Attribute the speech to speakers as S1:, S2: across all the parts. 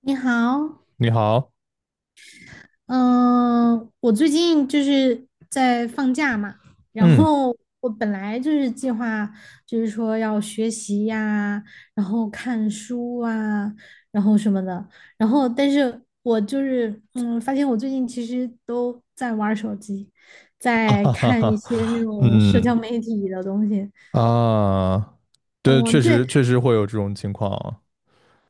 S1: 你好，
S2: 你好，
S1: 嗯、我最近就是在放假嘛，然
S2: 嗯，
S1: 后我本来就是计划，就是说要学习呀，然后看书啊，然后什么的，然后但是我就是发现我最近其实都在玩儿手机，
S2: 哈
S1: 在
S2: 哈哈，
S1: 看一些那
S2: 哈，
S1: 种社
S2: 嗯
S1: 交媒体的东西。
S2: 啊，对，确
S1: 嗯，
S2: 实
S1: 对。
S2: 确实会有这种情况啊。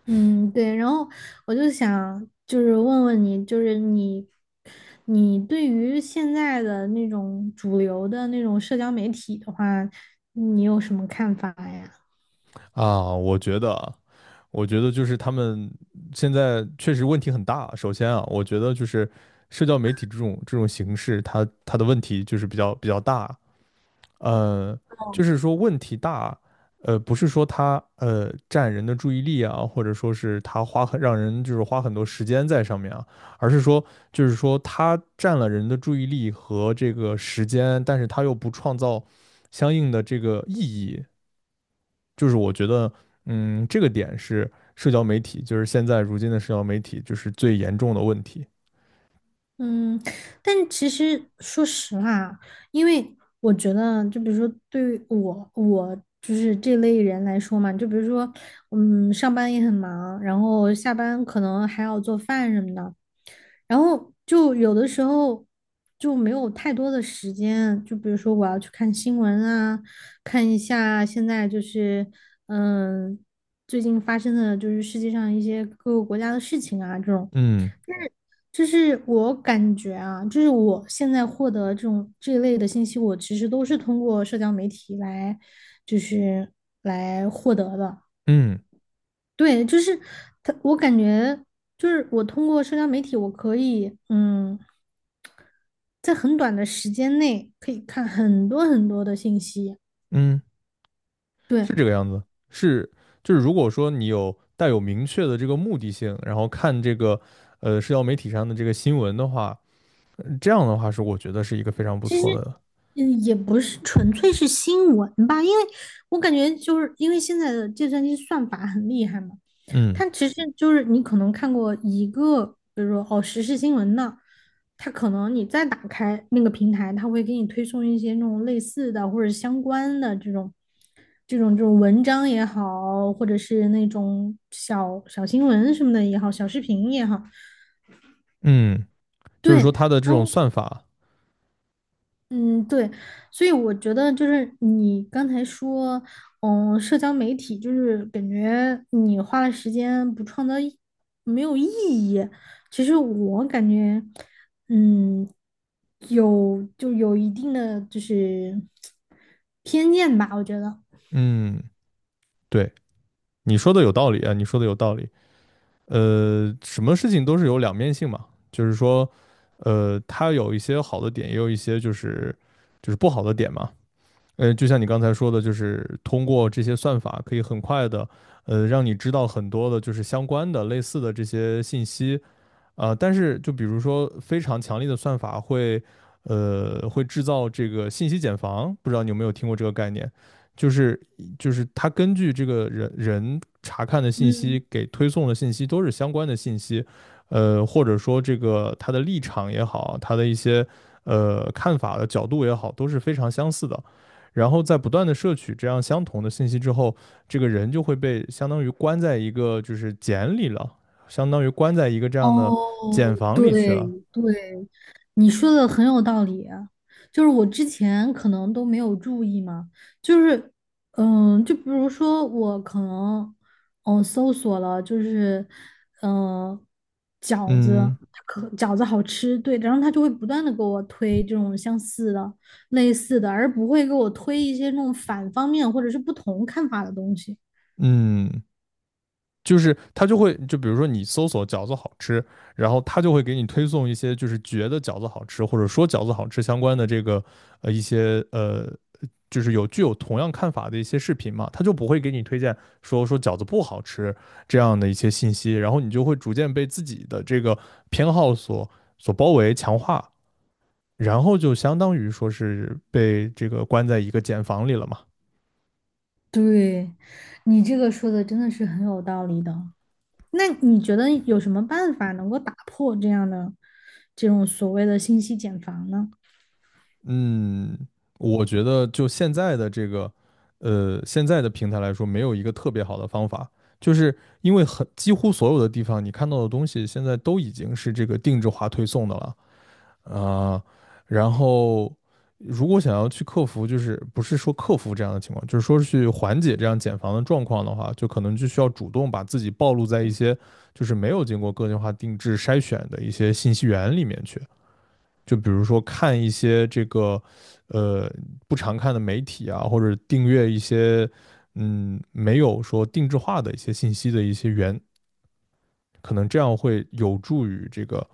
S1: 嗯，对，然后我就想问问你，你对于现在的那种主流的那种社交媒体的话，你有什么看法呀？
S2: 啊我觉得啊，我觉得就是他们现在确实问题很大。首先啊，我觉得就是社交媒体这种形式，它的问题就是比较大。呃，就是说问题大，不是说它占人的注意力啊，或者说是它让人就是花很多时间在上面啊，而是说就是说它占了人的注意力和这个时间，但是它又不创造相应的这个意义，就是我觉得，嗯，这个点是社交媒体，就是现在如今的社交媒体就是最严重的问题。
S1: 嗯，但其实说实话，因为我觉得，就比如说对于我，我就是这类人来说嘛。就比如说，嗯，上班也很忙，然后下班可能还要做饭什么的，然后就有的时候就没有太多的时间。就比如说我要去看新闻啊，看一下现在嗯，最近发生的就是世界上一些各个国家的事情啊，这种。
S2: 嗯
S1: 就是我感觉啊，就是我现在获得这种这一类的信息，我其实都是通过社交媒体来，就是来获得的。
S2: 嗯
S1: 对，就是他，我感觉就是我通过社交媒体，我可以在很短的时间内可以看很多很多的信息。
S2: 嗯。
S1: 对，
S2: 是这个样子，是就是如果说你有带有明确的这个目的性，然后看这个社交媒体上的这个新闻的话，这样的话是我觉得是一个非常不
S1: 其实
S2: 错的，
S1: 嗯，也不是纯粹是新闻吧，因为我感觉就是因为现在的计算机算法很厉害嘛。
S2: 嗯
S1: 它其实就是你可能看过一个，比如说哦时事新闻的，它可能你再打开那个平台，它会给你推送一些那种类似的或者相关的这种文章也好，或者是那种小小新闻什么的也好，小视频也好，
S2: 嗯，就是说
S1: 对。
S2: 它的这
S1: 然
S2: 种
S1: 后，
S2: 算法，
S1: 嗯，对，所以我觉得就是你刚才说，嗯，社交媒体就是感觉你花了时间不创造意，没有意义。其实我感觉，嗯，有就有一定的就是偏见吧，我觉得。
S2: 嗯，对，你说的有道理啊，你说的有道理，什么事情都是有两面性嘛，就是说，它有一些好的点，也有一些就是不好的点嘛，就像你刚才说的，就是通过这些算法，可以很快的，让你知道很多的，就是相关的、类似的这些信息，但是就比如说非常强力的算法会制造这个信息茧房，不知道你有没有听过这个概念，就是它根据这个人查看的信
S1: 嗯。
S2: 息给推送的信息都是相关的信息，或者说这个他的立场也好，他的一些看法的角度也好，都是非常相似的。然后在不断的摄取这样相同的信息之后，这个人就会被相当于关在一个就是茧里了，相当于关在一个这样的
S1: 哦，
S2: 茧房里去了。
S1: 对对，你说的很有道理啊。就是我之前可能都没有注意嘛，就是，嗯，就比如说我可能，嗯，搜索了，就是，嗯，饺子，
S2: 嗯
S1: 可饺子好吃，对，然后他就会不断的给我推这种相似的、类似的，而不会给我推一些那种反方面或者是不同看法的东西。
S2: 嗯，就是他就会，就比如说你搜索饺子好吃，然后他就会给你推送一些就是觉得饺子好吃或者说饺子好吃相关的这个一些就是具有同样看法的一些视频嘛，他就不会给你推荐说饺子不好吃这样的一些信息，然后你就会逐渐被自己的这个偏好所包围强化，然后就相当于说是被这个关在一个茧房里了嘛。
S1: 对，你这个说的真的是很有道理的。那你觉得有什么办法能够打破这样的这种所谓的信息茧房呢？
S2: 嗯，我觉得就现在的这个，现在的平台来说，没有一个特别好的方法，就是因为几乎所有的地方你看到的东西，现在都已经是这个定制化推送的了啊。然后，如果想要去克服，就是不是说克服这样的情况，就是说去缓解这样减房的状况的话，就可能就需要主动把自己暴露在一些就是没有经过个性化定制筛选的一些信息源里面去。就比如说看一些这个呃不常看的媒体啊，或者订阅一些没有说定制化的一些信息的一些源，可能这样会有助于这个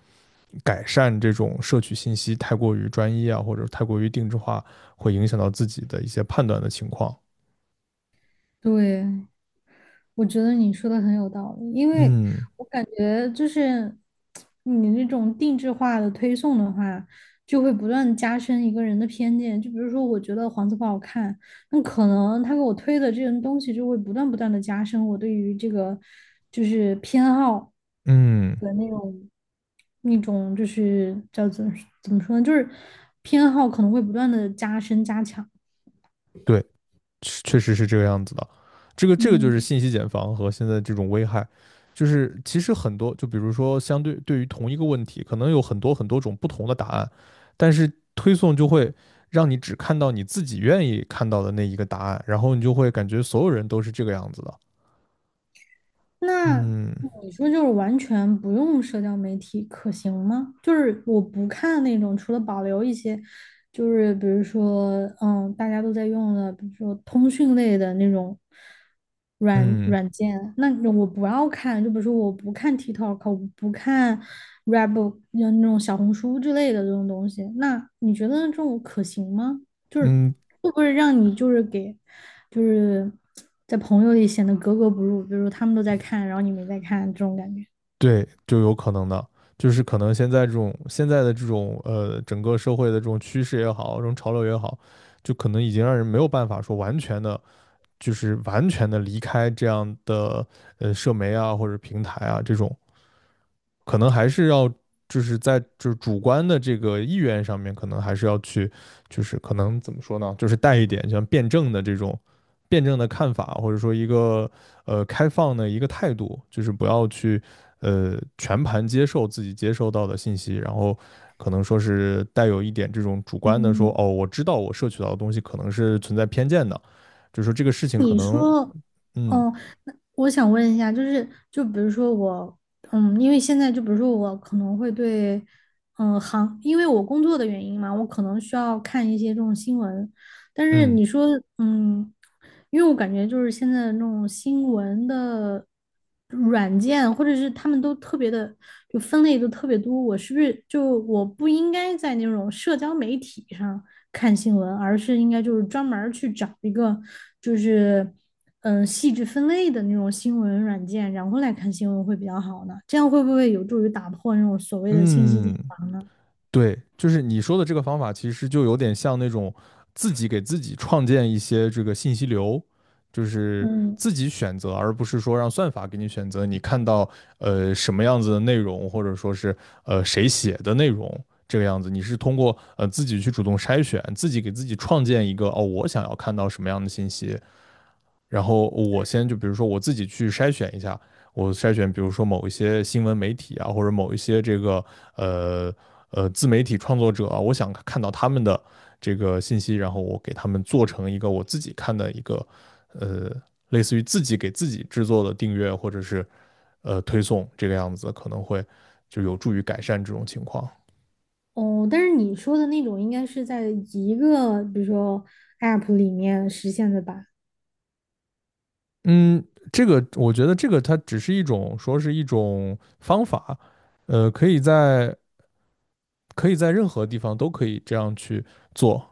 S2: 改善这种摄取信息太过于专一啊，或者太过于定制化，会影响到自己的一些判断的情况。
S1: 对，我觉得你说的很有道理，因为
S2: 嗯
S1: 我感觉就是你那种定制化的推送的话，就会不断加深一个人的偏见。就比如说，我觉得黄色不好看，那可能他给我推的这些东西就会不断不断的加深我对于这个就是偏好
S2: 嗯，
S1: 的那种。那种就是叫怎么说呢，就是偏好可能会不断的加深加强。
S2: 对，确实是这个样子的。这个就是
S1: 嗯，
S2: 信息茧房和现在这种危害，就是其实很多，就比如说对于同一个问题，可能有很多很多种不同的答案，但是推送就会让你只看到你自己愿意看到的那一个答案，然后你就会感觉所有人都是这个样子的。
S1: 那
S2: 嗯
S1: 你说就是完全不用社交媒体可行吗？就是我不看那种，除了保留一些，就是比如说嗯大家都在用的，比如说通讯类的那种。软
S2: 嗯
S1: 软件，那我不要看，就比如说我不看 TikTok，我不看 RBOOKP 那种小红书之类的这种东西，那你觉得这种可行吗？就是
S2: 嗯，
S1: 会不会让你就是给，就是在朋友里显得格格不入，比如说他们都在看，然后你没在看这种感觉。
S2: 对，就有可能的，就是可能现在这种现在的这种整个社会的这种趋势也好，这种潮流也好，就可能已经让人没有办法说完全的就是完全的离开这样的社媒啊或者平台啊这种，可能还是要就是在就是主观的这个意愿上面，可能还是要去就是可能怎么说呢，就是带一点像辩证的看法，或者说一个开放的一个态度，就是不要去全盘接受自己接收到的信息，然后。可能说是带有一点这种主观的说，
S1: 嗯，
S2: 哦，我知道我摄取到的东西可能是存在偏见的，就是说这个事情
S1: 那
S2: 可
S1: 你
S2: 能。
S1: 说，
S2: 嗯
S1: 哦，那我想问一下，就是就比如说我，嗯，因为现在就比如说我可能会对，嗯，行，因为我工作的原因嘛，我可能需要看一些这种新闻。但是
S2: 嗯
S1: 你说，嗯，因为我感觉就是现在的那种新闻的软件，或者是他们都特别的，就分类都特别多。我是不是就我不应该在那种社交媒体上看新闻，而是应该就是专门儿去找一个就是嗯细致分类的那种新闻软件，然后来看新闻会比较好呢？这样会不会有助于打破那种所谓的信息茧
S2: 嗯，
S1: 房呢？
S2: 对，就是你说的这个方法，其实就有点像那种自己给自己创建一些这个信息流，就是
S1: 嗯。
S2: 自己选择，而不是说让算法给你选择。你看到什么样子的内容，或者说是谁写的内容这个样子，你是通过自己去主动筛选，自己给自己创建一个哦，我想要看到什么样的信息，然后我先就比如说我自己去筛选一下，我筛选比如说某一些新闻媒体啊，或者某一些这个呃自媒体创作者啊，我想看到他们的这个信息，然后我给他们做成一个我自己看的一个呃类似于自己给自己制作的订阅或者是推送这个样子，可能会就有助于改善这种情况。
S1: 哦，但是你说的那种应该是在一个，比如说 App 里面实现的吧？
S2: 嗯，这个我觉得这个它只是一种说是一种方法，可以在任何地方都可以这样去做，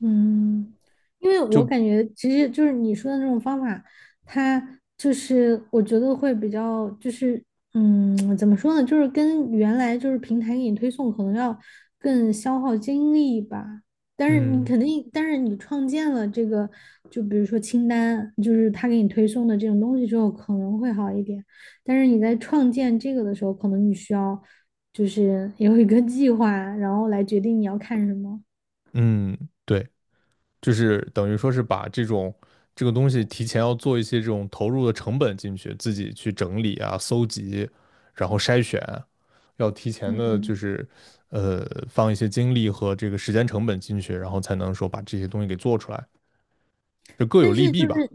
S1: 嗯，因为我
S2: 就
S1: 感觉其实就是你说的那种方法，它就是我觉得会比较就是嗯，怎么说呢，就是跟原来就是平台给你推送可能要更消耗精力吧。但是你
S2: 嗯
S1: 肯定，但是你创建了这个，就比如说清单，就是他给你推送的这种东西之后，可能会好一点。但是你在创建这个的时候，可能你需要就是有一个计划，然后来决定你要看什么。
S2: 嗯，对，就是等于说是把这种这个东西提前要做一些这种投入的成本进去，自己去整理啊、搜集，然后筛选，要提前的就
S1: 嗯
S2: 是放一些精力和这个时间成本进去，然后才能说把这些东西给做出来，就各有
S1: 但
S2: 利
S1: 是就
S2: 弊
S1: 是，
S2: 吧。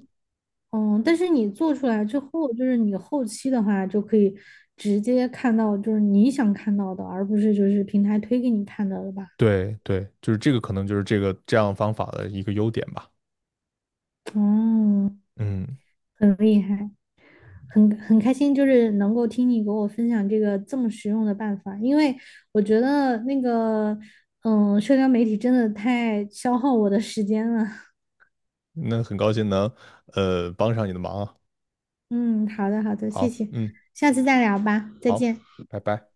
S1: 嗯，但是你做出来之后，就是你后期的话就可以直接看到，就是你想看到的，而不是就是平台推给你看到的吧？
S2: 对对，就是这个可能就是这个这样方法的一个优点吧。
S1: 哦，
S2: 嗯，
S1: 很厉害，很开心，就是能够听你给我分享这个这么实用的办法，因为我觉得那个，嗯，社交媒体真的太消耗我的时间了。
S2: 那很高兴能帮上你的忙啊。
S1: 嗯，好的好的，谢
S2: 好，
S1: 谢，
S2: 嗯，
S1: 下次再聊吧，再
S2: 好，
S1: 见。
S2: 拜拜。